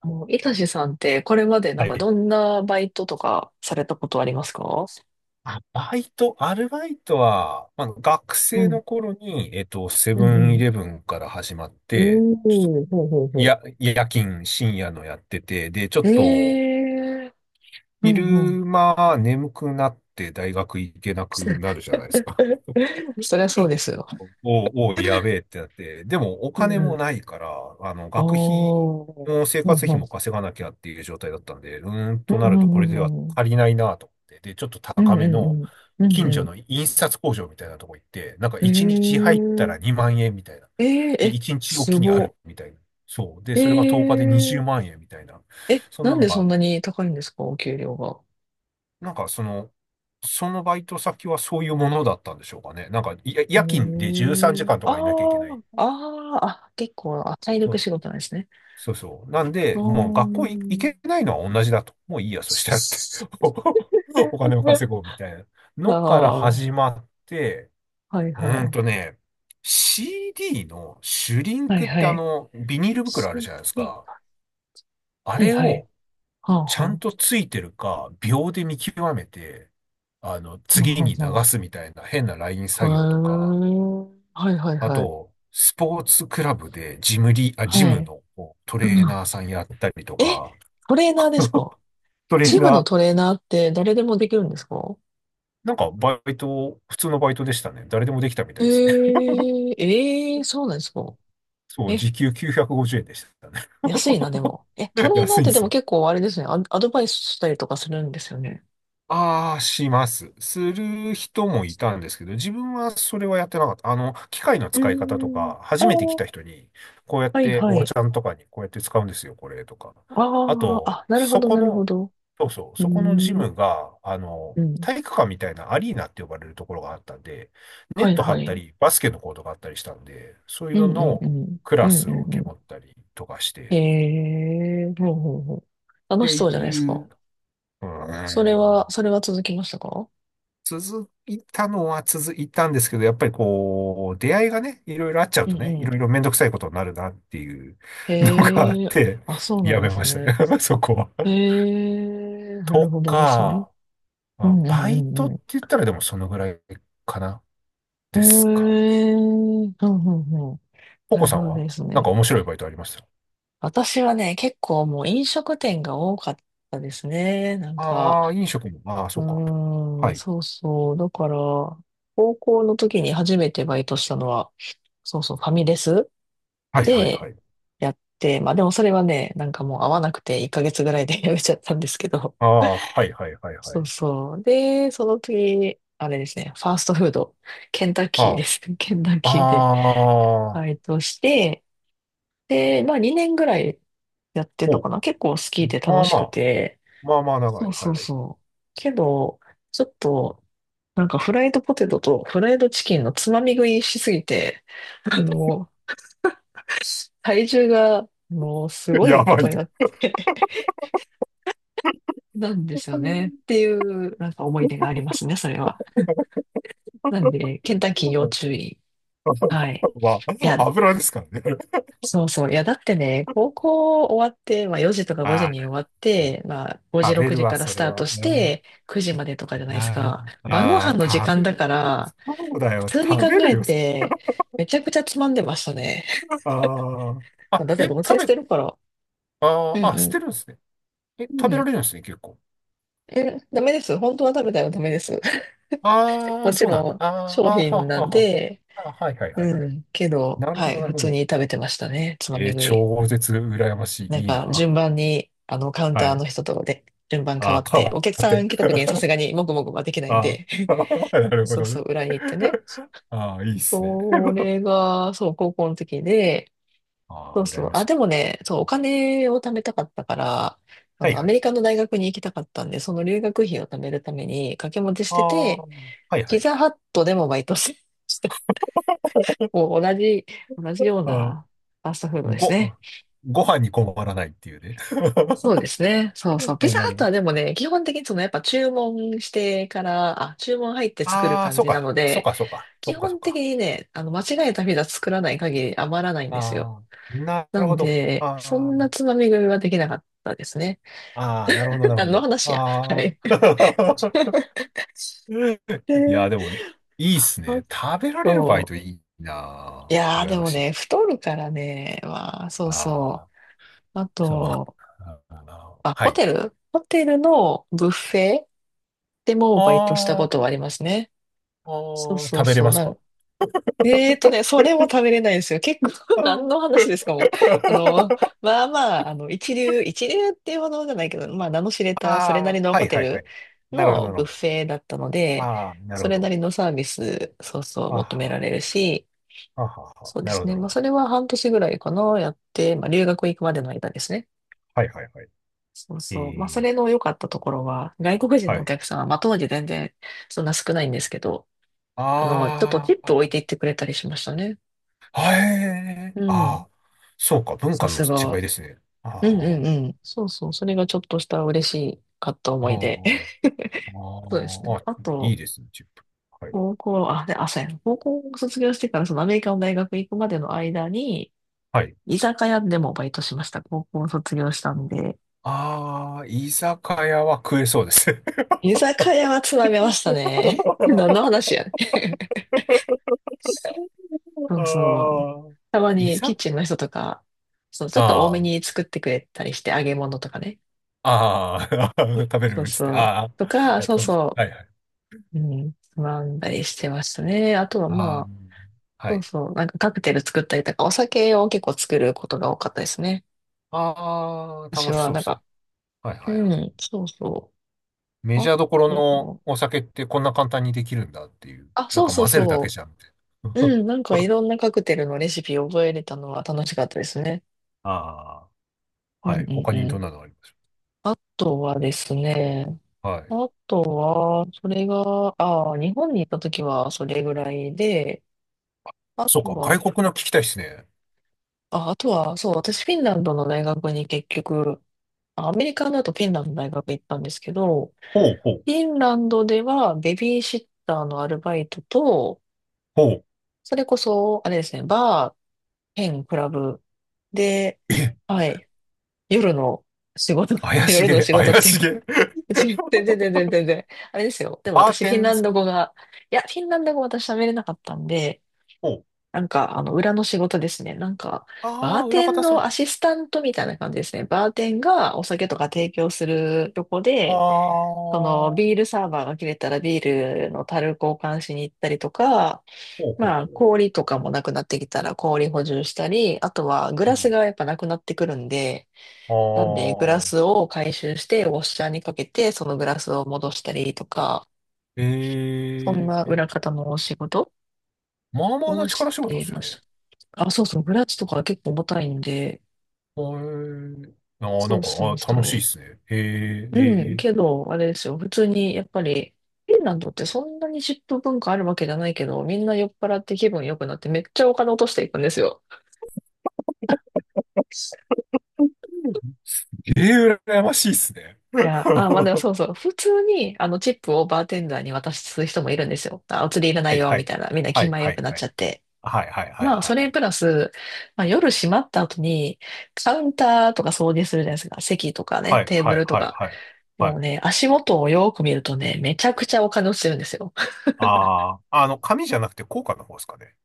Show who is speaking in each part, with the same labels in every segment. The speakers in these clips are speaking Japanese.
Speaker 1: あの、いたしさんって、これまでな
Speaker 2: は
Speaker 1: んか
Speaker 2: い。
Speaker 1: どんなバイトとかされたことありますか？
Speaker 2: あ、バイト、アルバイトは、まあ、学
Speaker 1: う
Speaker 2: 生の
Speaker 1: ん、
Speaker 2: 頃に、セ
Speaker 1: う
Speaker 2: ブ
Speaker 1: ん、う
Speaker 2: ンイ
Speaker 1: ん。
Speaker 2: レブンから始まって、
Speaker 1: おー、
Speaker 2: ちょっ
Speaker 1: ほ
Speaker 2: と、
Speaker 1: うほうほ
Speaker 2: や、夜勤、深夜のやってて、で、ちょ
Speaker 1: う。
Speaker 2: っと、
Speaker 1: ええー、うん、うん。
Speaker 2: 昼間眠くなって大学行けなくなる じゃないですか。
Speaker 1: そりゃ
Speaker 2: う
Speaker 1: そう
Speaker 2: ん
Speaker 1: ですよ。
Speaker 2: おお、やべえってなって、でもお
Speaker 1: うん、
Speaker 2: 金
Speaker 1: う
Speaker 2: も
Speaker 1: ん。
Speaker 2: ないから、学費
Speaker 1: おー、
Speaker 2: も生
Speaker 1: ほう
Speaker 2: 活
Speaker 1: ほ
Speaker 2: 費
Speaker 1: う。
Speaker 2: も稼がなきゃっていう状態だったんで、
Speaker 1: う
Speaker 2: な
Speaker 1: ん、
Speaker 2: る
Speaker 1: う
Speaker 2: とこれでは
Speaker 1: ん、うん、
Speaker 2: 足りないなと思って、で、ちょっと
Speaker 1: うん、
Speaker 2: 高
Speaker 1: う
Speaker 2: め
Speaker 1: ん、う
Speaker 2: の
Speaker 1: ん、
Speaker 2: 近
Speaker 1: うん、
Speaker 2: 所
Speaker 1: う
Speaker 2: の印刷工場みたいなとこ行って、なんか
Speaker 1: ん、
Speaker 2: 1日入ったら
Speaker 1: う
Speaker 2: 2万円みたいな。
Speaker 1: ん。えー、えー、
Speaker 2: で、
Speaker 1: え、
Speaker 2: 1日お
Speaker 1: す
Speaker 2: きにある
Speaker 1: ご。
Speaker 2: みたいな。そう。で、
Speaker 1: え
Speaker 2: それが10日で20
Speaker 1: ー、
Speaker 2: 万円みたいな。
Speaker 1: え、
Speaker 2: そん
Speaker 1: な
Speaker 2: な
Speaker 1: ん
Speaker 2: の
Speaker 1: でそ
Speaker 2: が
Speaker 1: んなに高いんですか、お給料が？
Speaker 2: なんかそのバイト先はそういうものだったんでしょうかね。なんか、い
Speaker 1: う
Speaker 2: 夜勤
Speaker 1: ー
Speaker 2: で13時
Speaker 1: ん。
Speaker 2: 間と
Speaker 1: あ
Speaker 2: かいなきゃいけない。
Speaker 1: ーあー、あ、結構、あ、体
Speaker 2: そ
Speaker 1: 力
Speaker 2: う、
Speaker 1: 仕事なんですね。
Speaker 2: そうそう。なん
Speaker 1: あ
Speaker 2: で、もう学校い行
Speaker 1: ー。
Speaker 2: けないのは同じだと。もういいや、そしたらって。お金を 稼ごうみたいな
Speaker 1: あ
Speaker 2: のから
Speaker 1: あ、は
Speaker 2: 始まって、
Speaker 1: い
Speaker 2: う
Speaker 1: は
Speaker 2: ーん
Speaker 1: い。
Speaker 2: とね、CD のシュリン
Speaker 1: はい
Speaker 2: クっ
Speaker 1: は
Speaker 2: て
Speaker 1: い。
Speaker 2: ビニール袋あるじゃないですか。あ
Speaker 1: はい
Speaker 2: れ
Speaker 1: はい。
Speaker 2: を
Speaker 1: はあ
Speaker 2: ちゃん
Speaker 1: は
Speaker 2: とついてるか、秒で見極めて、
Speaker 1: あ。はあ
Speaker 2: 次
Speaker 1: は
Speaker 2: に
Speaker 1: あ
Speaker 2: 流
Speaker 1: は
Speaker 2: すみたいな変なライン
Speaker 1: あ。
Speaker 2: 作業とか、
Speaker 1: へえ。はいはい
Speaker 2: あ
Speaker 1: はい。
Speaker 2: と、スポーツクラブでジ
Speaker 1: は
Speaker 2: ム
Speaker 1: い。
Speaker 2: のト
Speaker 1: う
Speaker 2: レー
Speaker 1: ん。
Speaker 2: ナーさんやったりと
Speaker 1: え、
Speaker 2: か、
Speaker 1: トレーナーですか？
Speaker 2: トレー
Speaker 1: チーム
Speaker 2: ナ
Speaker 1: のトレー
Speaker 2: ー、
Speaker 1: ナーって誰でもできるんですか？
Speaker 2: なんかバイト、普通のバイトでしたね。誰でもできたみた
Speaker 1: え
Speaker 2: いですね。
Speaker 1: え、ええ、そうなんですか？
Speaker 2: そう、
Speaker 1: え、
Speaker 2: 時給950円でしたね。
Speaker 1: 安いな、でも。え、ト レーナー
Speaker 2: 安
Speaker 1: っ
Speaker 2: いん
Speaker 1: て
Speaker 2: で
Speaker 1: で
Speaker 2: す
Speaker 1: も
Speaker 2: よ。
Speaker 1: 結構あれですね。アドバイスしたりとかするんですよね。
Speaker 2: ああ、します。する人もいたんですけど、自分はそれはやってなかった。機械の
Speaker 1: う
Speaker 2: 使い方と
Speaker 1: ーん。
Speaker 2: か、
Speaker 1: あ
Speaker 2: 初めて来た
Speaker 1: ー、
Speaker 2: 人に、こうやっ
Speaker 1: はい
Speaker 2: て、お
Speaker 1: は
Speaker 2: ば
Speaker 1: い。
Speaker 2: ちゃんとかに、こうやって使うんですよ、これ、とか。あ
Speaker 1: ああ、あ、
Speaker 2: と、
Speaker 1: なるほ
Speaker 2: そ
Speaker 1: ど、
Speaker 2: こ
Speaker 1: なるほ
Speaker 2: の、
Speaker 1: ど。
Speaker 2: そうそう、
Speaker 1: うー
Speaker 2: そこのジ
Speaker 1: ん。
Speaker 2: ムが、
Speaker 1: うん。
Speaker 2: 体育館みたいなアリーナって呼ばれるところがあったんで、ネ
Speaker 1: は
Speaker 2: ッ
Speaker 1: い
Speaker 2: ト張
Speaker 1: は
Speaker 2: った
Speaker 1: い。
Speaker 2: り、バスケのコートがあったりしたんで、そういう
Speaker 1: う
Speaker 2: の
Speaker 1: んうんう
Speaker 2: の
Speaker 1: ん。
Speaker 2: ク
Speaker 1: う
Speaker 2: ラ
Speaker 1: ん
Speaker 2: ス
Speaker 1: う
Speaker 2: を
Speaker 1: ん
Speaker 2: 受け
Speaker 1: う
Speaker 2: 持ったりとかし
Speaker 1: ん。
Speaker 2: て、
Speaker 1: ええ、ほうほうほう。
Speaker 2: っ
Speaker 1: 楽し
Speaker 2: て
Speaker 1: そうじゃないです
Speaker 2: い
Speaker 1: か。
Speaker 2: う、う
Speaker 1: それ
Speaker 2: ん、
Speaker 1: は、それは続きましたか？
Speaker 2: 続いたのは続いたんですけど、やっぱりこう、出会いがね、いろいろあっちゃう
Speaker 1: う
Speaker 2: と
Speaker 1: ん
Speaker 2: ね、
Speaker 1: う
Speaker 2: い
Speaker 1: ん。
Speaker 2: ろいろめんどくさいことになるなっていうのがあっ
Speaker 1: ええ。
Speaker 2: て、
Speaker 1: あ、そうな
Speaker 2: や
Speaker 1: んで
Speaker 2: め
Speaker 1: す
Speaker 2: まし
Speaker 1: ね。
Speaker 2: たね、そこは。
Speaker 1: ええ、なる
Speaker 2: と
Speaker 1: ほどですね。
Speaker 2: か、
Speaker 1: う
Speaker 2: まあ、
Speaker 1: んう
Speaker 2: バ
Speaker 1: んう
Speaker 2: イ
Speaker 1: ん
Speaker 2: トっ
Speaker 1: う
Speaker 2: て
Speaker 1: ん。
Speaker 2: 言ったらでもそのぐらいかな、
Speaker 1: え
Speaker 2: ですかね。
Speaker 1: え、うんうんん。
Speaker 2: コ
Speaker 1: なる
Speaker 2: コさ
Speaker 1: ほ
Speaker 2: ん
Speaker 1: ど
Speaker 2: は
Speaker 1: です
Speaker 2: なんか
Speaker 1: ね。
Speaker 2: 面白いバイトありました？
Speaker 1: 私はね、結構もう飲食店が多かったですね。なんか、
Speaker 2: ああー、飲食も、ああ、
Speaker 1: う
Speaker 2: そうか。
Speaker 1: ー
Speaker 2: は
Speaker 1: ん、
Speaker 2: い。
Speaker 1: そうそう。だから、高校の時に初めてバイトしたのは、そうそう、ファミレス
Speaker 2: はいはいは
Speaker 1: で
Speaker 2: い。
Speaker 1: やって、まあでもそれはね、なんかもう合わなくて1ヶ月ぐらいで やめちゃったんですけど、
Speaker 2: ああ、はいはいはいは
Speaker 1: そう
Speaker 2: い。
Speaker 1: そう。で、その次、あれですね、ファーストフード、ケンタッキー
Speaker 2: あ
Speaker 1: です。ケンタッキーで
Speaker 2: あ、あ
Speaker 1: バ
Speaker 2: あ、
Speaker 1: イトして、で、まあ2年ぐらいやってた
Speaker 2: ほ
Speaker 1: か
Speaker 2: う。
Speaker 1: な。結構好きで
Speaker 2: ま
Speaker 1: 楽
Speaker 2: あ
Speaker 1: し
Speaker 2: ま
Speaker 1: く
Speaker 2: あ、
Speaker 1: て。
Speaker 2: まあまあ長
Speaker 1: そ
Speaker 2: い。
Speaker 1: うそう
Speaker 2: はい。
Speaker 1: そう。けど、ちょっと、なんかフライドポテトとフライドチキンのつまみ食いしすぎて、あの、体重が、もうす ご
Speaker 2: や
Speaker 1: いこ
Speaker 2: ば
Speaker 1: と
Speaker 2: い。
Speaker 1: になって なんですよね。って いう、なんか思い出がありますね、それは。なんで、ケンタッキー要注意。はい。
Speaker 2: ま
Speaker 1: い
Speaker 2: あ、
Speaker 1: や、
Speaker 2: 油ですからね。
Speaker 1: そうそう。いや、だってね、高 校終わって、まあ4時とか5時に終
Speaker 2: あ
Speaker 1: わって、まあ5
Speaker 2: あ、
Speaker 1: 時、
Speaker 2: 食べ
Speaker 1: 6
Speaker 2: る
Speaker 1: 時
Speaker 2: わ、
Speaker 1: から
Speaker 2: そ
Speaker 1: ス
Speaker 2: れ
Speaker 1: タート
Speaker 2: は。
Speaker 1: し
Speaker 2: うん、
Speaker 1: て、9時までとかじゃないです
Speaker 2: あ
Speaker 1: か。
Speaker 2: あ、
Speaker 1: 晩ご
Speaker 2: あ
Speaker 1: 飯の時
Speaker 2: あ食べ
Speaker 1: 間だか
Speaker 2: る。
Speaker 1: ら、
Speaker 2: そうだ
Speaker 1: 普
Speaker 2: よ、
Speaker 1: 通に
Speaker 2: 食
Speaker 1: 考
Speaker 2: べる
Speaker 1: え
Speaker 2: よ。
Speaker 1: て、めちゃくちゃつまんでましたね。
Speaker 2: ああ、あ、
Speaker 1: だっ
Speaker 2: え、
Speaker 1: て同棲し
Speaker 2: 食べ、
Speaker 1: てるから。う
Speaker 2: あ
Speaker 1: ん
Speaker 2: あ、あ、捨
Speaker 1: う
Speaker 2: てるんですね。え、
Speaker 1: ん。う
Speaker 2: 食べら
Speaker 1: ん。
Speaker 2: れるんですね、結構。
Speaker 1: え、ダメです。本当は食べたらダメです。
Speaker 2: ああ、
Speaker 1: もち
Speaker 2: そうなん
Speaker 1: ろ
Speaker 2: だ。
Speaker 1: ん
Speaker 2: あ
Speaker 1: 商
Speaker 2: あ、ああ、
Speaker 1: 品
Speaker 2: はあ、
Speaker 1: な
Speaker 2: は
Speaker 1: ん
Speaker 2: あ、は
Speaker 1: で、
Speaker 2: あ、あはい、はい、はい、は
Speaker 1: う
Speaker 2: い。
Speaker 1: ん。けど、
Speaker 2: なるほ
Speaker 1: は
Speaker 2: ど、
Speaker 1: い、
Speaker 2: なる
Speaker 1: 普
Speaker 2: ほ
Speaker 1: 通
Speaker 2: ど。
Speaker 1: に食べてましたね。つま
Speaker 2: え
Speaker 1: み
Speaker 2: ー
Speaker 1: 食い。
Speaker 2: 超絶羨まし
Speaker 1: なん
Speaker 2: い。いい
Speaker 1: か
Speaker 2: な。
Speaker 1: 順番に、カウン
Speaker 2: は
Speaker 1: ターの
Speaker 2: い。
Speaker 1: 人とで順番変
Speaker 2: あ
Speaker 1: わ
Speaker 2: あ、
Speaker 1: っ
Speaker 2: 変
Speaker 1: て、
Speaker 2: わ
Speaker 1: お客
Speaker 2: っ
Speaker 1: さ
Speaker 2: て。
Speaker 1: ん来た時にさすがにもぐもぐはできないん
Speaker 2: あ
Speaker 1: で、
Speaker 2: あ。なるほ
Speaker 1: そう
Speaker 2: ど
Speaker 1: そ
Speaker 2: ね。
Speaker 1: う、裏に行ってね。
Speaker 2: ああ、いいっすね。
Speaker 1: それが、そう、高校の時で、
Speaker 2: あ
Speaker 1: そ
Speaker 2: あ、
Speaker 1: う
Speaker 2: 羨
Speaker 1: そう、
Speaker 2: ま
Speaker 1: あ、
Speaker 2: しい。
Speaker 1: でもね、そう、お金を貯めたかったから、
Speaker 2: はい
Speaker 1: ア
Speaker 2: は
Speaker 1: メ
Speaker 2: い。
Speaker 1: リカの大学に行きたかったんで、その留学費を貯めるために掛け持ちし
Speaker 2: あ
Speaker 1: て
Speaker 2: あ、
Speaker 1: て、
Speaker 2: はいは
Speaker 1: ピ
Speaker 2: い。
Speaker 1: ザハットでもバイトして、もう同じ、同じよう
Speaker 2: ああ、も
Speaker 1: なファーストフード
Speaker 2: う
Speaker 1: です
Speaker 2: ご、
Speaker 1: ね。
Speaker 2: ご飯に困らないっていうね。
Speaker 1: そうで すね。そうそう。ピ
Speaker 2: あ、
Speaker 1: ザ
Speaker 2: な
Speaker 1: ハッ
Speaker 2: るほ
Speaker 1: トはで
Speaker 2: ど。
Speaker 1: もね、基本的にそのやっぱ注文してから、あ、注文入って作る
Speaker 2: ああ、
Speaker 1: 感
Speaker 2: そう
Speaker 1: じな
Speaker 2: か。
Speaker 1: の
Speaker 2: そう
Speaker 1: で、
Speaker 2: か、そうか。そ
Speaker 1: 基
Speaker 2: うか、そう
Speaker 1: 本的
Speaker 2: か。
Speaker 1: にね、間違えたピザ作らない限り余らないんですよ。
Speaker 2: ああ、な
Speaker 1: な
Speaker 2: る
Speaker 1: ん
Speaker 2: ほど。
Speaker 1: で、
Speaker 2: あ
Speaker 1: そんな
Speaker 2: あ、
Speaker 1: つまみ食いはできなかったですね。
Speaker 2: ああ、なるほど、な るほ
Speaker 1: 何の
Speaker 2: ど。
Speaker 1: 話や。は
Speaker 2: あ
Speaker 1: い。
Speaker 2: あ。
Speaker 1: で、
Speaker 2: いや、でも、いいっす
Speaker 1: あ
Speaker 2: ね。食べられるバイ
Speaker 1: と、
Speaker 2: トいいな
Speaker 1: い
Speaker 2: あ。
Speaker 1: やー
Speaker 2: 羨
Speaker 1: で
Speaker 2: ま
Speaker 1: も
Speaker 2: し
Speaker 1: ね、
Speaker 2: い。
Speaker 1: 太るからね、まあ、そう
Speaker 2: あ
Speaker 1: そ
Speaker 2: あ、
Speaker 1: う。あ
Speaker 2: そう、わ
Speaker 1: と、
Speaker 2: ああ
Speaker 1: あ、
Speaker 2: は
Speaker 1: ホ
Speaker 2: い。
Speaker 1: テルホテルのブッフェでもバイトしたこ
Speaker 2: あ
Speaker 1: とは
Speaker 2: ー
Speaker 1: ありますね。
Speaker 2: あ
Speaker 1: そう
Speaker 2: ー、
Speaker 1: そう
Speaker 2: 食べれ
Speaker 1: そ
Speaker 2: ま
Speaker 1: う。
Speaker 2: す
Speaker 1: な
Speaker 2: か
Speaker 1: ん、えーとね、それも食べれないですよ。結構、
Speaker 2: あ
Speaker 1: 何
Speaker 2: ー？
Speaker 1: の話ですかもう。あの、まあま一流っていうほどじゃないけど、まあ、名の知れた、それな
Speaker 2: あ
Speaker 1: り
Speaker 2: ー、
Speaker 1: の
Speaker 2: は
Speaker 1: ホ
Speaker 2: い
Speaker 1: テ
Speaker 2: はいは
Speaker 1: ル
Speaker 2: い。なるほど、
Speaker 1: の
Speaker 2: なる
Speaker 1: ブッ
Speaker 2: ほど。
Speaker 1: フェだったので、
Speaker 2: ああ、なる
Speaker 1: そ
Speaker 2: ほ
Speaker 1: れな
Speaker 2: ど。
Speaker 1: りのサービス、そうそう、
Speaker 2: あ
Speaker 1: 求め
Speaker 2: は、
Speaker 1: られるし、
Speaker 2: あはは、
Speaker 1: そうで
Speaker 2: なるほ
Speaker 1: す
Speaker 2: ど、
Speaker 1: ね。
Speaker 2: なる
Speaker 1: ま
Speaker 2: ほ
Speaker 1: あ、
Speaker 2: ど。
Speaker 1: それは半年ぐらいかな、やって、まあ、留学行くまでの間ですね。
Speaker 2: はいはいはい。
Speaker 1: そう
Speaker 2: え
Speaker 1: そう。まあ、そ
Speaker 2: ー、
Speaker 1: れの良かったところは、外国人
Speaker 2: は
Speaker 1: のお
Speaker 2: い。
Speaker 1: 客さんは、まあ、当時全然、そんな少ないんですけど、ちょっとチ
Speaker 2: あ
Speaker 1: ッ
Speaker 2: あ、
Speaker 1: プ置いていってくれたりしましたね。
Speaker 2: はい。
Speaker 1: う
Speaker 2: あ
Speaker 1: ん。
Speaker 2: あ、そうか、文
Speaker 1: さ
Speaker 2: 化の
Speaker 1: す
Speaker 2: 違い
Speaker 1: が。
Speaker 2: ですね。あ
Speaker 1: う
Speaker 2: あ、
Speaker 1: んうんうん。そうそう。それがちょっとした嬉しかった思
Speaker 2: あ
Speaker 1: い出。
Speaker 2: あ
Speaker 1: そうです
Speaker 2: あ
Speaker 1: ね。
Speaker 2: あ、
Speaker 1: あ
Speaker 2: いい
Speaker 1: と、
Speaker 2: ですね、チップ。はい。
Speaker 1: 高校、あ、で、あ、そうやな。高校を卒業してから、そのアメリカの大学行くまでの間に、
Speaker 2: はい。
Speaker 1: 居酒屋でもバイトしました。高校を卒業したんで。
Speaker 2: ああ、居酒屋は食えそうです。
Speaker 1: 居酒屋はつまめましたね。何の 話やねん。そ
Speaker 2: あ
Speaker 1: うそう。
Speaker 2: あ、
Speaker 1: たま
Speaker 2: い
Speaker 1: にキッ
Speaker 2: ざ
Speaker 1: チンの人とか、そう、ちょっと多
Speaker 2: あ
Speaker 1: めに
Speaker 2: あ。
Speaker 1: 作ってくれたりして、揚げ物とかね。
Speaker 2: ああ、食べ
Speaker 1: そ
Speaker 2: る
Speaker 1: う
Speaker 2: っつって、
Speaker 1: そう。
Speaker 2: ああ、
Speaker 1: とか、
Speaker 2: やっ
Speaker 1: そう
Speaker 2: てまし
Speaker 1: そ
Speaker 2: た。はい
Speaker 1: う。
Speaker 2: はい。
Speaker 1: うん、学んだりしてましたね。あとは
Speaker 2: あ
Speaker 1: ま
Speaker 2: あ、
Speaker 1: あ、
Speaker 2: は
Speaker 1: そう
Speaker 2: い。
Speaker 1: そう、なんかカクテル作ったりとか、お酒を結構作ることが多かったですね。
Speaker 2: ああ、
Speaker 1: 私
Speaker 2: 楽し
Speaker 1: は、
Speaker 2: そう
Speaker 1: な
Speaker 2: で
Speaker 1: ん
Speaker 2: すね。
Speaker 1: か、
Speaker 2: はい
Speaker 1: う
Speaker 2: はいはい。
Speaker 1: ん、そうそ
Speaker 2: メ
Speaker 1: う。
Speaker 2: ジ
Speaker 1: あ
Speaker 2: ャーどころの
Speaker 1: と、
Speaker 2: お酒ってこんな簡単にできるんだっていう。
Speaker 1: あ、
Speaker 2: なん
Speaker 1: そう
Speaker 2: か
Speaker 1: そ
Speaker 2: 混
Speaker 1: う
Speaker 2: ぜるだけ
Speaker 1: そ
Speaker 2: じゃんって。
Speaker 1: う。うん、なんかいろんなカクテルのレシピを覚えれたのは楽しかったですね。
Speaker 2: ああ、
Speaker 1: うん
Speaker 2: はい。
Speaker 1: う
Speaker 2: 他
Speaker 1: ん
Speaker 2: に
Speaker 1: う
Speaker 2: どん
Speaker 1: ん。
Speaker 2: なのあります
Speaker 1: あとはですね、
Speaker 2: か？はい。
Speaker 1: あとは、それが、ああ、日本に行った時はそれぐらいで、あ
Speaker 2: そう
Speaker 1: と
Speaker 2: か、
Speaker 1: は、
Speaker 2: 外国の聞きたいですね。
Speaker 1: あ、あとは、そう、私フィンランドの大学に結局、アメリカだとフィンランドの大学行ったんですけど、
Speaker 2: ほうほう、
Speaker 1: フィンランドではベビーシッターのアルバイトと、
Speaker 2: ほう。
Speaker 1: それこそ、あれですね、バー、兼クラブで、
Speaker 2: え、
Speaker 1: はい、夜の仕事、
Speaker 2: 怪し
Speaker 1: 夜の
Speaker 2: げ、
Speaker 1: 仕事っ
Speaker 2: 怪
Speaker 1: ていう
Speaker 2: し
Speaker 1: か、
Speaker 2: げ。
Speaker 1: 全然全然全然全然、あれですよ。でも
Speaker 2: バー
Speaker 1: 私
Speaker 2: テ
Speaker 1: フィン
Speaker 2: ンで
Speaker 1: ラン
Speaker 2: す
Speaker 1: ド
Speaker 2: か？
Speaker 1: 語が、いや、フィンランド語私喋れなかったんで、
Speaker 2: ほう。
Speaker 1: なんか、裏の仕事ですね。なんか、バ
Speaker 2: あ
Speaker 1: ー
Speaker 2: あ、裏
Speaker 1: テン
Speaker 2: 方さ
Speaker 1: の
Speaker 2: ん。
Speaker 1: アシスタントみたいな感じですね。バーテンがお酒とか提供するとこ
Speaker 2: あ
Speaker 1: で、その
Speaker 2: あ、ほ
Speaker 1: ビールサーバーが切れたらビールの樽交換しに行ったりとか、
Speaker 2: うほう
Speaker 1: まあ
Speaker 2: ほう。
Speaker 1: 氷とかもなくなってきたら氷補充したり、あとはグ
Speaker 2: う
Speaker 1: ラス
Speaker 2: ん
Speaker 1: がやっぱなくなってくるんで、
Speaker 2: あ
Speaker 1: なんでグラ
Speaker 2: あ、
Speaker 1: スを回収してウォッシャーにかけてそのグラスを戻したりとか、そん
Speaker 2: え
Speaker 1: な裏
Speaker 2: え、
Speaker 1: 方のお仕事
Speaker 2: まあまあな
Speaker 1: を
Speaker 2: 力
Speaker 1: し
Speaker 2: 仕事で
Speaker 1: て
Speaker 2: すよ
Speaker 1: ま
Speaker 2: ね。
Speaker 1: した。あ、そうそう、グラスとか結構重たいんで、
Speaker 2: ええ、ああ、な
Speaker 1: そ
Speaker 2: ん
Speaker 1: う
Speaker 2: か、
Speaker 1: そ
Speaker 2: あ
Speaker 1: う
Speaker 2: 楽しいで
Speaker 1: そう。
Speaker 2: すね。え
Speaker 1: うん、
Speaker 2: ー、え
Speaker 1: けど、あれですよ。普通に、やっぱり、フィンランドってそんなにップ文化あるわけじゃないけど、みんな酔っ払って気分良くなってめっちゃお金落としていくんですよ。
Speaker 2: えええ羨ましいですね。
Speaker 1: い や、あ、まあ、でも
Speaker 2: は
Speaker 1: そうそう。普通に、チップをバーテンダーに渡す人もいるんですよ。あ、お釣りいらない
Speaker 2: い、
Speaker 1: よ、
Speaker 2: は
Speaker 1: み
Speaker 2: い。
Speaker 1: たいな。みんな
Speaker 2: は
Speaker 1: 気
Speaker 2: い、
Speaker 1: 前
Speaker 2: は
Speaker 1: 良く
Speaker 2: い、
Speaker 1: なっ
Speaker 2: は
Speaker 1: ちゃ
Speaker 2: い。
Speaker 1: って。
Speaker 2: はい、はい、はい、
Speaker 1: まあ、
Speaker 2: は
Speaker 1: それ
Speaker 2: い。
Speaker 1: プラス、まあ、夜閉まった後に、カウンターとか掃除するじゃないですか。席とかね、
Speaker 2: はい、
Speaker 1: テーブ
Speaker 2: はい、
Speaker 1: ルと
Speaker 2: はい、
Speaker 1: か。
Speaker 2: はい。は
Speaker 1: も
Speaker 2: い。
Speaker 1: うね、足元をよく見るとね、めちゃくちゃお金落ちてるんですよ。
Speaker 2: ああ、紙じゃなくて硬貨の方ですかね。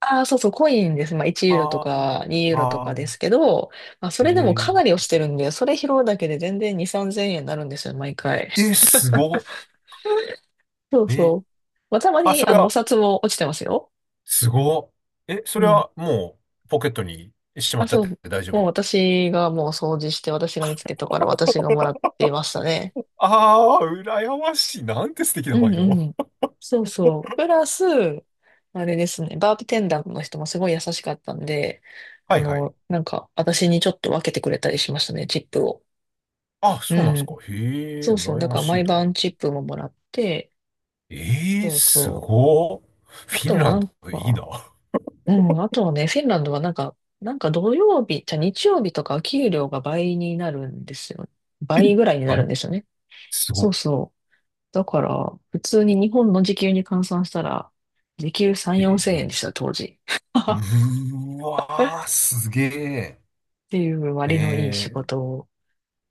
Speaker 1: ああ、そうそう、コインです。まあ、1ユーロと
Speaker 2: ああ、
Speaker 1: か2ユーロと
Speaker 2: あ
Speaker 1: か
Speaker 2: あ、
Speaker 1: ですけど、まあ、そ
Speaker 2: え
Speaker 1: れでもかなり
Speaker 2: ー、
Speaker 1: 落ちてるんで、それ拾うだけで全然2、3000円になるんですよ、毎回。
Speaker 2: え すごっ。
Speaker 1: そうそう。
Speaker 2: え
Speaker 1: まあ、たま
Speaker 2: あ、そ
Speaker 1: に、
Speaker 2: れ
Speaker 1: お
Speaker 2: は、
Speaker 1: 札も落ちてますよ。
Speaker 2: すごっ。え、そ
Speaker 1: う
Speaker 2: れ
Speaker 1: ん。
Speaker 2: はもう、ポケットにしまっ
Speaker 1: あ、
Speaker 2: ちゃっ
Speaker 1: そ
Speaker 2: て
Speaker 1: う。
Speaker 2: 大丈
Speaker 1: もう
Speaker 2: 夫？
Speaker 1: 私がもう掃除して、私が見つけたから私がもらってましたね。
Speaker 2: ああ、羨ましい。なんて素敵な
Speaker 1: う
Speaker 2: バ
Speaker 1: ん
Speaker 2: イト。
Speaker 1: うん。そうそう。プラス、あれですね、バーテテンダーの人もすごい優しかったんで、
Speaker 2: はいはい。
Speaker 1: なんか、私にちょっと分けてくれたりしましたね、チップを。
Speaker 2: あ、そうなんで
Speaker 1: う
Speaker 2: すか。
Speaker 1: ん。
Speaker 2: へえ、
Speaker 1: そうそう。
Speaker 2: 羨
Speaker 1: だ
Speaker 2: ま
Speaker 1: から
Speaker 2: し
Speaker 1: 毎
Speaker 2: いな。
Speaker 1: 晩チップももらって、
Speaker 2: ええ、
Speaker 1: そう
Speaker 2: す
Speaker 1: そ
Speaker 2: ごっ。
Speaker 1: う。
Speaker 2: フ
Speaker 1: あ
Speaker 2: ィ
Speaker 1: と
Speaker 2: ン
Speaker 1: は
Speaker 2: ラン
Speaker 1: なん
Speaker 2: ド、いいな。
Speaker 1: か、うん、あとはね、フィンランドはなんか、なんか土曜日、じゃあ日曜日とか給料が倍になるんですよね。
Speaker 2: え
Speaker 1: 倍ぐらいにな
Speaker 2: は
Speaker 1: るん
Speaker 2: い、
Speaker 1: ですよね。
Speaker 2: す
Speaker 1: そ
Speaker 2: ご
Speaker 1: うそう。だから、普通に日本の時給に換算したら、時給3、4千
Speaker 2: え
Speaker 1: 円でした、当時。
Speaker 2: え、う ーわー、
Speaker 1: っ
Speaker 2: すげえ。
Speaker 1: ていう割のいい仕
Speaker 2: え
Speaker 1: 事を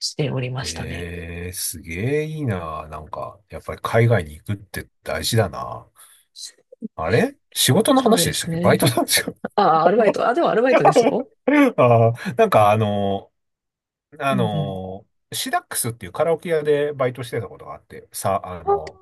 Speaker 1: しておりま
Speaker 2: え、
Speaker 1: したね。
Speaker 2: ええ、すげえいいな。なんか、やっぱり海外に行くって大事だな。あれ仕事の
Speaker 1: そう
Speaker 2: 話
Speaker 1: で
Speaker 2: でした
Speaker 1: す
Speaker 2: っけ？バイ
Speaker 1: ね。
Speaker 2: トなんですよ。
Speaker 1: ああ、アルバイト。あ、でもアルバイトですよ。
Speaker 2: ああ、なんかあ
Speaker 1: うんうん、
Speaker 2: の、シダックスっていうカラオケ屋でバイトしてたことがあって、さ、
Speaker 1: あ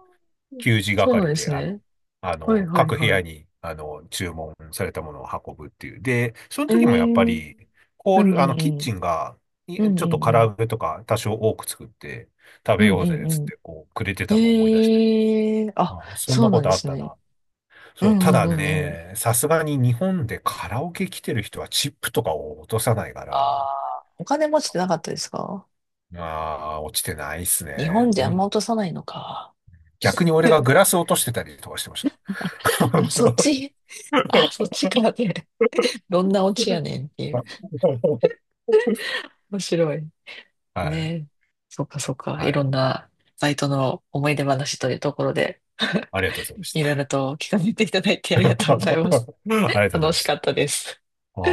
Speaker 1: ー、
Speaker 2: 給仕
Speaker 1: そうなん
Speaker 2: 係
Speaker 1: で
Speaker 2: で、
Speaker 1: すね。はいはい
Speaker 2: 各部
Speaker 1: は
Speaker 2: 屋
Speaker 1: い。
Speaker 2: に、注文されたものを運ぶっていう。で、その
Speaker 1: えー、
Speaker 2: 時もやっぱり、ホ
Speaker 1: う
Speaker 2: ー
Speaker 1: んうん
Speaker 2: ル、キッ
Speaker 1: う
Speaker 2: チ
Speaker 1: ん。
Speaker 2: ンが、い
Speaker 1: うん
Speaker 2: ちょ
Speaker 1: う
Speaker 2: っと
Speaker 1: んう
Speaker 2: 唐
Speaker 1: ん。
Speaker 2: 揚げとか多少多く作って食
Speaker 1: う
Speaker 2: べよ
Speaker 1: ん
Speaker 2: う
Speaker 1: う
Speaker 2: ぜ、
Speaker 1: ん
Speaker 2: つっ
Speaker 1: う
Speaker 2: て、
Speaker 1: ん。
Speaker 2: こう、くれてたのを思い出して。
Speaker 1: えー、あ、
Speaker 2: あ、そん
Speaker 1: そ
Speaker 2: な
Speaker 1: う
Speaker 2: こ
Speaker 1: なん
Speaker 2: と
Speaker 1: で
Speaker 2: あっ
Speaker 1: す
Speaker 2: た
Speaker 1: ね。
Speaker 2: な。
Speaker 1: う
Speaker 2: そう、
Speaker 1: んう
Speaker 2: ただ
Speaker 1: んうんうん。
Speaker 2: ね、さすがに日本でカラオケ来てる人はチップとかを落とさないか
Speaker 1: あ
Speaker 2: ら、
Speaker 1: あ、お金持ちってなかったですか？
Speaker 2: ああ、落ちてないっす
Speaker 1: 日本
Speaker 2: ね。
Speaker 1: であんま
Speaker 2: ん
Speaker 1: 落とさないのか。
Speaker 2: 逆に俺 がグラス落としてたりとかしてました。
Speaker 1: あ、そっ ち、あ、そっちからで、どんなオチやねんっていう。面白い。
Speaker 2: はい。
Speaker 1: ねえ。そっかそっか。い
Speaker 2: は
Speaker 1: ろ
Speaker 2: い。
Speaker 1: んなバイトの思い出話というところで。
Speaker 2: ありがとうございまし
Speaker 1: いろい
Speaker 2: た。
Speaker 1: ろと聞かせていただいてありがとうございます。
Speaker 2: ありがとうござい
Speaker 1: 楽
Speaker 2: ま
Speaker 1: し
Speaker 2: し
Speaker 1: か
Speaker 2: た。
Speaker 1: ったです。